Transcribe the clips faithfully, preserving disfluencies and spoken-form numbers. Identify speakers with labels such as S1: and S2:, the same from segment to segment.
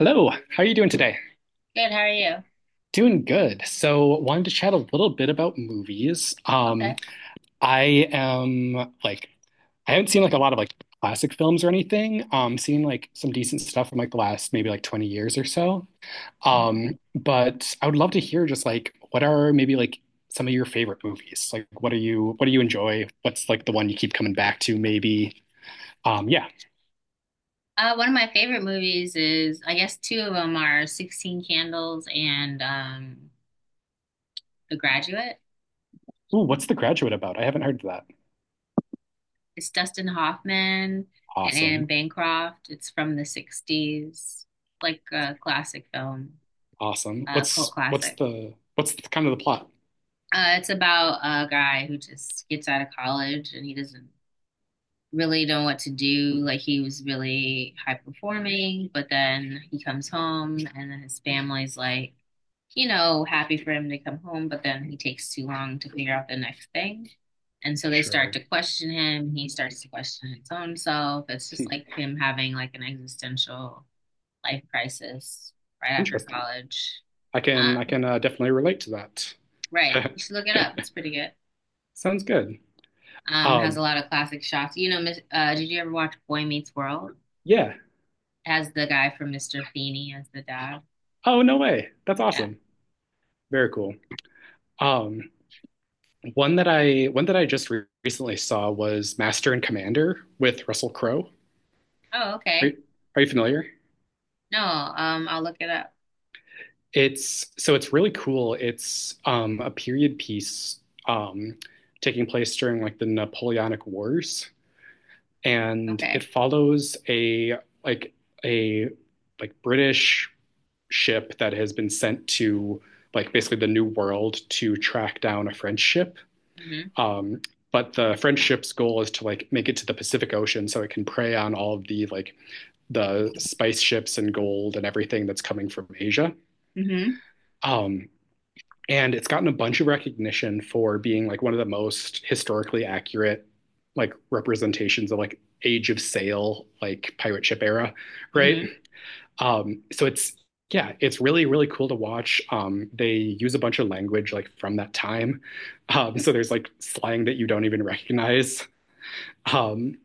S1: Hello, how are you doing today?
S2: Good, how are you?
S1: Doing good. So, wanted to chat a little bit about movies. Um,
S2: Okay.
S1: I am like I haven't seen like a lot of like classic films or anything. Um, seen like some decent stuff from like the last maybe like twenty years or so.
S2: Hmm.
S1: Um, but I would love to hear just like what are maybe like some of your favorite movies? Like what are you what do you enjoy? What's like the one you keep coming back to maybe? Um, yeah.
S2: Uh, one of my favorite movies is, I guess two of them are sixteen Candles and um, The Graduate.
S1: Ooh, what's The Graduate about? I haven't heard of that.
S2: It's Dustin Hoffman and Anne
S1: Awesome.
S2: Bancroft. It's from the sixties, like a classic film,
S1: Awesome.
S2: a cult
S1: What's what's
S2: classic.
S1: the what's the, kind of the plot?
S2: Uh, it's about a guy who just gets out of college and he doesn't really know what to do. Like he was really high performing, but then he comes home and then his family's like, you know, happy for him to come home, but then he takes too long to figure out the next thing. And so they start
S1: Sure.
S2: to question him. He starts to question his own self. It's just
S1: Hmm.
S2: like him having like an existential life crisis right after
S1: Interesting.
S2: college.
S1: I can I
S2: Um,
S1: can uh, definitely relate to that.
S2: right. You should look it up. It's pretty good.
S1: Sounds good.
S2: Um, has a
S1: Um,
S2: lot of classic shots. You know, uh, did you ever watch Boy Meets World?
S1: yeah.
S2: As the guy from mister Feeny, as the dad.
S1: Oh, no way. That's
S2: Yeah.
S1: awesome. Very cool. Um, one that I one that I just re recently saw was Master and Commander with Russell Crowe.
S2: Oh,
S1: Are
S2: okay.
S1: you, are you familiar?
S2: No, um, I'll look it up.
S1: It's so it's really cool. It's um, a period piece um, taking place during like the Napoleonic Wars, and it
S2: Okay.
S1: follows a like a like British ship that has been sent to like basically the New World to track down a French ship.
S2: Mm-hmm.
S1: Um, but the French ship's goal is to like make it to the Pacific Ocean so it can prey on all of the like the spice ships and gold and everything that's coming from Asia.
S2: Mm-hmm.
S1: Um, and it's gotten a bunch of recognition for being like one of the most historically accurate like representations of like age of sail like pirate ship era, right?
S2: Mm-hmm.
S1: Um so it's yeah, it's really really cool to watch. Um they use a bunch of language like from that time. Um so there's like slang that you don't even recognize. um,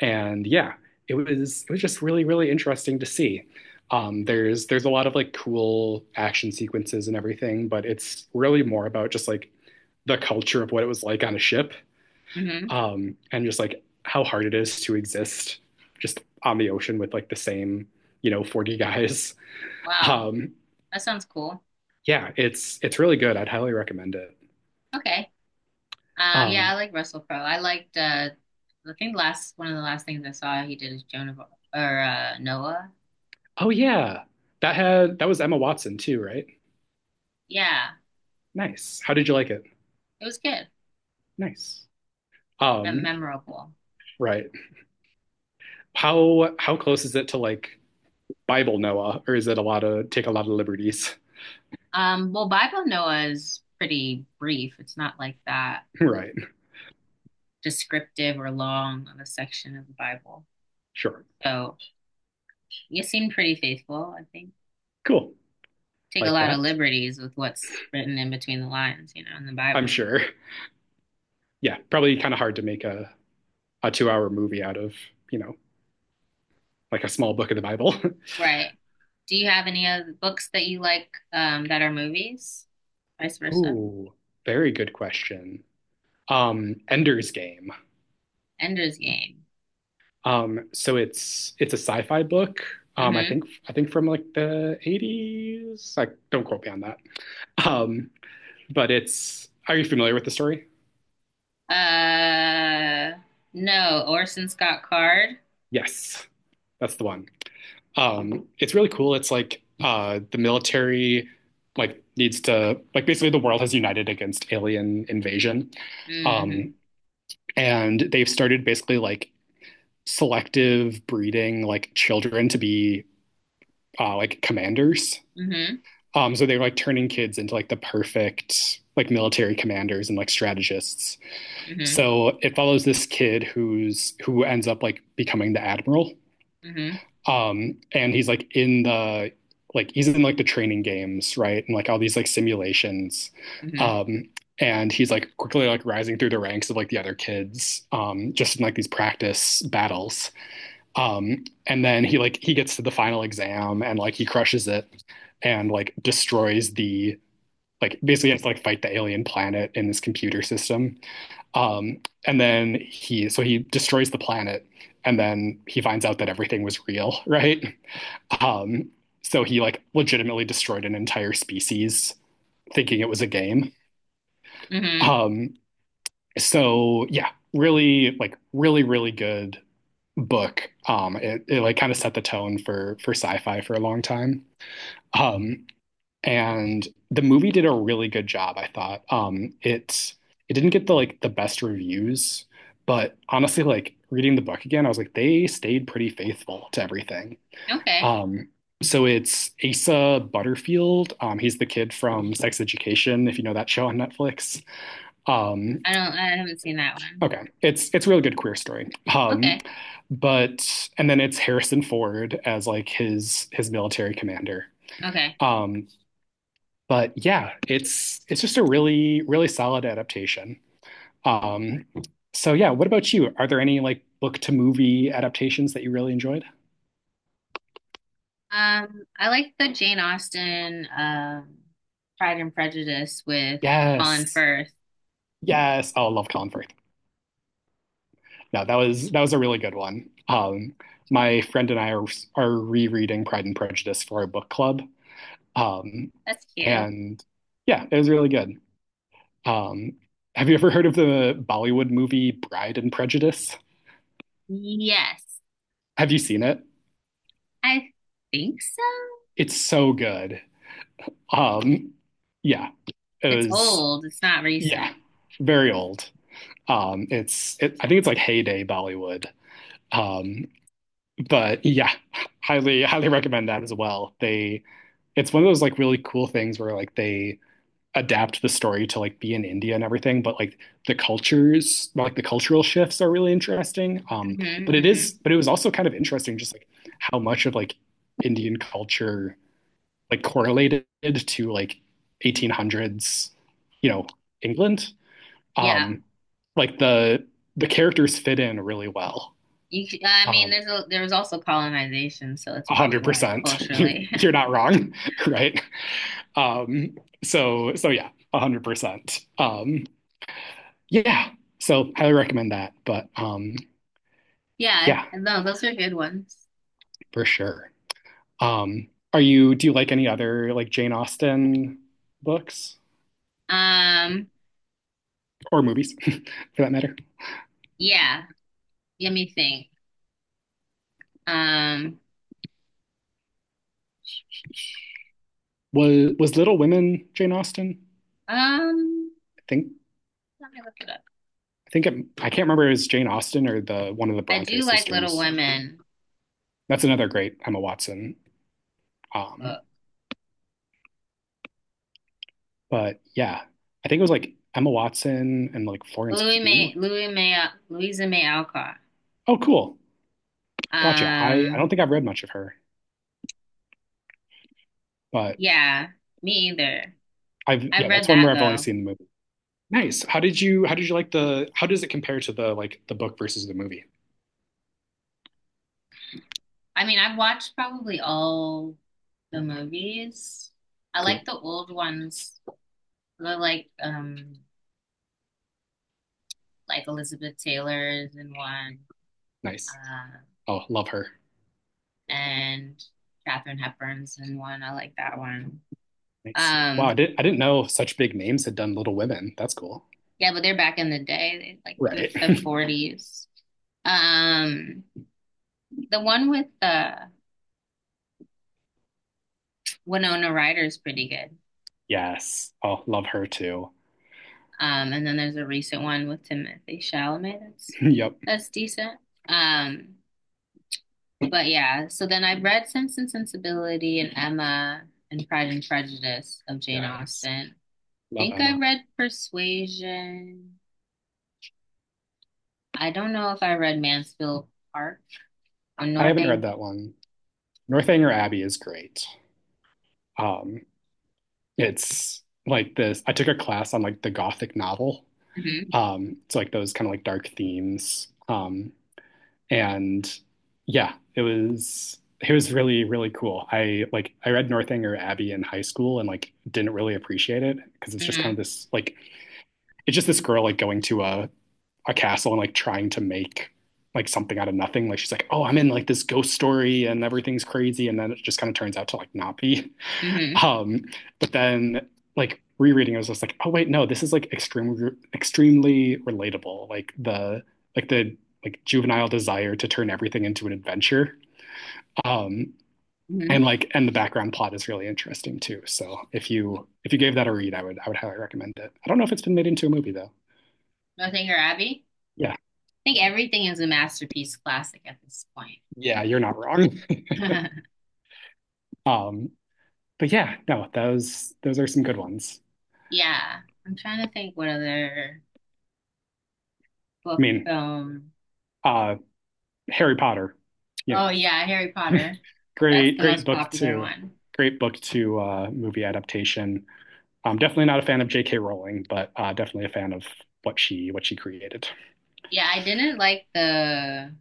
S1: and yeah, it was it was just really really interesting to see. Um, there's there's a lot of like cool action sequences and everything, but it's really more about just like the culture of what it was like on a ship,
S2: Mm-hmm.
S1: um, and just like how hard it is to exist just on the ocean with like the same, you know, forty guys.
S2: Wow.
S1: Um,
S2: That sounds cool.
S1: yeah, it's it's really good. I'd highly recommend it.
S2: Okay. Um, yeah,
S1: Um,
S2: I like Russell Crowe. I liked uh I think last one of the last things I saw he did is Joan of or uh Noah.
S1: oh yeah. That had that was Emma Watson too, right?
S2: Yeah.
S1: Nice. How did you like it?
S2: It was good.
S1: Nice.
S2: Mem
S1: Um,
S2: memorable.
S1: right. How how close is it to like Bible Noah, or is it a lot of take a lot of liberties?
S2: Um, well, Bible Noah is pretty brief. It's not like that
S1: Right.
S2: descriptive or long of a section of the Bible.
S1: Sure.
S2: So you seem pretty faithful, I think.
S1: Cool.
S2: Take a
S1: Like
S2: lot of
S1: that.
S2: liberties with what's written in between the lines, you know, in the Bible.
S1: I'm sure. Yeah, probably kind of hard to make a, a two hour movie out of, you know, like a small book of the Bible.
S2: Right. Do you have any other books that you like um, that are movies? Vice versa.
S1: Ooh, very good question. Um, Ender's Game.
S2: Ender's Game.
S1: Um, so it's it's a sci-fi book. Um, I
S2: Mm-hmm.
S1: think I think from like the eighties. Like, don't quote me on that. Um, but it's. Are you familiar with the story?
S2: Uh, no, Orson Scott Card.
S1: Yes, that's the one. Um, it's really cool. It's like uh, the military like needs to like basically the world has united against alien invasion.
S2: Mm-hmm.
S1: Um, and they've started basically like selective breeding like children to be uh, like commanders.
S2: Mm-hmm.
S1: Um, so they're like turning kids into like the perfect like military commanders and like strategists.
S2: Mm-hmm.
S1: So it follows this kid who's who ends up like becoming the admiral.
S2: Mm-hmm.
S1: Um, and he's like in the like he's in like the training games, right? And like all these like simulations.
S2: Mm-hmm.
S1: Um, and he's like quickly like rising through the ranks of like the other kids, um, just in like these practice battles. Um, and then he like he gets to the final exam and like he crushes it and like destroys the like basically has to like fight the alien planet in this computer system. Um, and then he so he destroys the planet and then he finds out that everything was real, right? Um, so he like legitimately destroyed an entire species thinking it was a game.
S2: Mm-hmm.
S1: Um, so yeah, really like really really good book. Um, it, it like kind of set the tone for for sci-fi for a long time. Um, and the movie did a really good job, I thought. Um, it it didn't get the like the best reviews, but honestly, like reading the book again, I was like they stayed pretty faithful to everything.
S2: Okay.
S1: Um, so it's Asa Butterfield. Um, he's the kid from Sex Education, if you know that show on Netflix. Um,
S2: I don't, I haven't seen that one.
S1: okay, it's it's a really good queer story. Um,
S2: Okay.
S1: but And then it's Harrison Ford as like his his military commander.
S2: Okay.
S1: Um, but yeah, it's it's just a really really solid adaptation. Um, so yeah, what about you? Are there any like book to movie adaptations that you really enjoyed?
S2: Um, I like the Jane Austen, um, Pride and Prejudice with Colin
S1: Yes,
S2: Firth.
S1: yes. Oh, I love Colin Firth. No, that was that was a really good one. Um, my friend and I are are rereading Pride and Prejudice for our book club. Um,
S2: That's cute.
S1: and yeah, it was really good. Um, have you ever heard of the Bollywood movie Bride and Prejudice?
S2: Yes,
S1: Have you seen it?
S2: I think so.
S1: It's so good. Um, yeah, it
S2: It's
S1: was
S2: old. It's not recent.
S1: yeah, very old. Um, it's it, I think it's like heyday Bollywood. Um, but yeah, highly highly recommend that as well. They It's one of those like really cool things where like they adapt the story to like be in India and everything, but like the cultures, like the cultural shifts are really interesting. Um,
S2: Hmm.
S1: but it
S2: Hmm.
S1: is, but it was also kind of interesting just like how much of like Indian culture like correlated to like eighteen hundreds, you know, England.
S2: Yeah.
S1: Um, like the the characters fit in really well.
S2: You, c- I mean,
S1: Um,
S2: there's a, there was also colonization, so it's probably why
S1: one hundred percent. You're
S2: culturally.
S1: you're not wrong, right? Um, so so yeah, a hundred percent. Um, yeah. So highly recommend that. But um,
S2: Yeah,
S1: yeah,
S2: no, those are good ones.
S1: for sure. Um, are you do you like any other like Jane Austen books
S2: Um,
S1: or movies for that matter?
S2: yeah, let me think. Um,
S1: Was was Little Women Jane Austen?
S2: um,
S1: I think
S2: let me look it up.
S1: I think it, I can't remember if it was Jane Austen or the one of the
S2: I
S1: Bronte
S2: do like Little
S1: sisters.
S2: Women.
S1: That's another great Emma Watson. Um, but yeah, I think it was like Emma Watson and like Florence
S2: Louis May,
S1: Pugh.
S2: Louis May, Louisa May Alcott.
S1: Oh, cool. Gotcha. I, I
S2: Um,
S1: don't think I've read much of her, but
S2: yeah, me either.
S1: I've
S2: I've
S1: yeah, that's
S2: read
S1: one where
S2: that
S1: I've only
S2: though.
S1: seen the movie. Nice. How did you how did you like the How does it compare to the like the book versus the movie?
S2: I mean, I've watched probably all the movies. I
S1: Cool.
S2: like the old ones. I like um like Elizabeth Taylor's in one,
S1: Nice.
S2: uh,
S1: Oh, love her.
S2: and Katharine Hepburn's in one. I like that one.
S1: Nice. Wow,
S2: Um,
S1: I didn't I didn't know such big names had done Little Women. That's cool.
S2: yeah, but they're back in the day, they like the
S1: Right.
S2: the forties. Um, the one with the Winona Ryder is pretty good.
S1: Yes. Oh, love her too.
S2: Um, and then there's a recent one with Timothy Chalamet. That's
S1: Yep.
S2: that's decent. Um, but yeah. So then I read Sense and Sensibility and Emma and Pride and Prejudice of Jane
S1: Yes.
S2: Austen. I
S1: Love
S2: think
S1: Emma.
S2: I read Persuasion. I don't know if I read Mansfield Park or
S1: I haven't read
S2: Northing.
S1: that one. Northanger Abbey is great. Um, it's like this. I took a class on like the Gothic novel.
S2: Mm-hmm,
S1: Um, it's like those kind of like dark themes. Um, and yeah, it was it was really really cool. I like I read Northanger Abbey in high school and like didn't really appreciate it because it's just kind of
S2: mm-hmm,
S1: this like it's just this girl like going to a a castle and like trying to make like something out of nothing. Like she's like, oh, I'm in like this ghost story and everything's crazy, and then it just kind of turns out to like not be.
S2: mm-hmm,
S1: Um, but then like rereading, I was just like, oh wait, no, this is like extremely extremely relatable. Like the like the like juvenile desire to turn everything into an adventure. Um,
S2: mm-hmm.
S1: and like and the background plot is really interesting too. So if you if you gave that a read, I would I would highly recommend it. I don't know if it's been made into a movie though.
S2: Northanger Abbey.
S1: Yeah,
S2: I think everything is a masterpiece classic at this point.
S1: yeah, you're not wrong. Um, but yeah, no, those those are some good ones.
S2: Yeah. I'm trying to think what other
S1: I
S2: book
S1: mean,
S2: film.
S1: uh, Harry Potter, you
S2: Oh
S1: know.
S2: yeah, Harry Potter. That's
S1: Great,
S2: the
S1: great
S2: most
S1: book
S2: popular
S1: to
S2: one.
S1: great book to uh, movie adaptation. I'm definitely not a fan of J K. Rowling, but uh, definitely a fan of what she what she created.
S2: Yeah, I didn't like the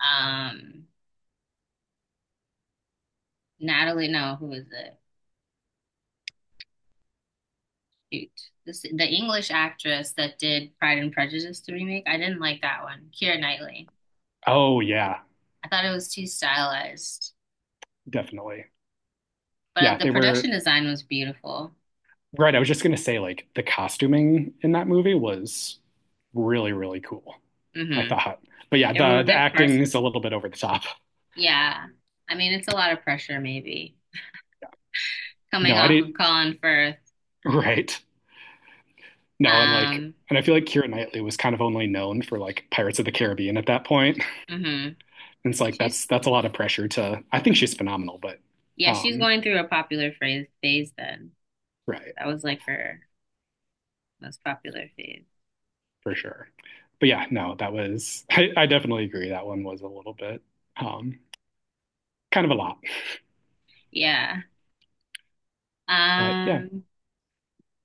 S2: um Natalie, no, who was it? Shoot. This, the English actress that did Pride and Prejudice the remake. I didn't like that one. Keira Knightley.
S1: Oh yeah,
S2: I thought it was too stylized.
S1: definitely.
S2: But uh,
S1: Yeah,
S2: the
S1: they
S2: production
S1: were
S2: design was beautiful.
S1: right. I was just gonna say like the costuming in that movie was really really cool. I
S2: Hmm.
S1: thought, but yeah,
S2: There were
S1: the the
S2: good
S1: acting
S2: parts.
S1: is a little bit over the top.
S2: Yeah. I mean, it's a lot of pressure maybe.
S1: No,
S2: Coming
S1: I
S2: off of
S1: didn't.
S2: Colin Firth.
S1: Right. No, and like,
S2: Um,
S1: and I feel like Keira Knightley was kind of only known for like Pirates of the Caribbean at that point.
S2: hmm.
S1: And it's like
S2: She's.
S1: that's that's a lot of pressure to I think she's phenomenal, but
S2: Yeah, she's
S1: um
S2: going through a popular phrase phase then.
S1: right,
S2: That was like her most popular phase.
S1: for sure. But yeah, no, that was I, I definitely agree that one was a little bit um kind of a lot.
S2: Yeah.
S1: But yeah.
S2: Um,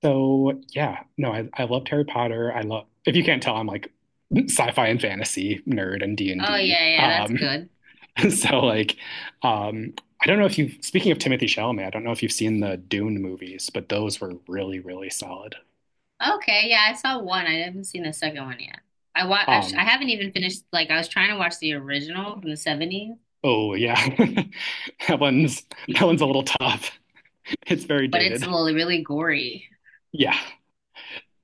S1: So yeah, no, I, I loved Harry Potter. I love if you can't tell, I'm like sci-fi and fantasy nerd and
S2: oh
S1: D and D.
S2: yeah, yeah, that's
S1: Um
S2: good.
S1: so like um I don't know if you've speaking of Timothy Chalamet, I don't know if you've seen the Dune movies, but those were really, really solid.
S2: Okay, yeah, I saw one. I haven't seen the second one yet. I wa I, sh I
S1: Um,
S2: haven't even finished like I was trying to watch the original from the seventies,
S1: Oh yeah. That one's that one's a little tough. It's very
S2: but it's
S1: dated.
S2: l- really gory.
S1: Yeah.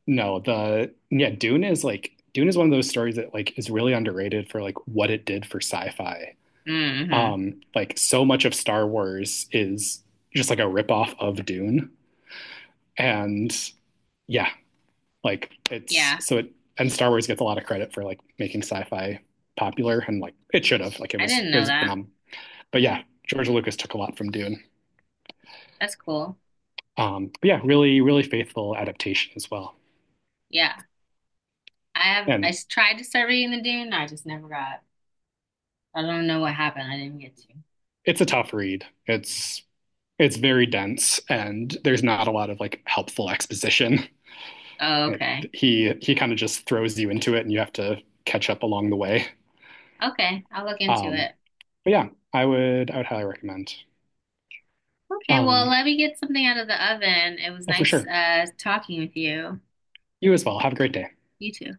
S1: No, the yeah, Dune is like Dune is one of those stories that like is really underrated for like what it did for sci-fi.
S2: Hmm.
S1: Um, like so much of Star Wars is just like a ripoff of Dune. And yeah, like it's
S2: Yeah,
S1: so it and Star Wars gets a lot of credit for like making sci-fi popular and like it should have. Like it
S2: I
S1: was
S2: didn't
S1: it
S2: know
S1: was
S2: that.
S1: phenomenal. But yeah, George Lucas took a lot from Dune.
S2: That's cool.
S1: Um, but yeah, really, really faithful adaptation as well.
S2: Yeah. I have I
S1: And
S2: s- tried to start reading the Dune, I just never got. I don't know what happened. I didn't get to.
S1: it's a tough read. It's it's very dense, and there's not a lot of like helpful exposition.
S2: Oh,
S1: It,
S2: okay.
S1: he he kind of just throws you into it, and you have to catch up along the way.
S2: Okay, I'll look into
S1: Um,
S2: it.
S1: but yeah, I would I would highly recommend.
S2: Okay, well,
S1: Um,
S2: let me get something out of the oven. It was
S1: oh, for
S2: nice
S1: sure.
S2: uh talking with you.
S1: You as well. Have a great day.
S2: You too.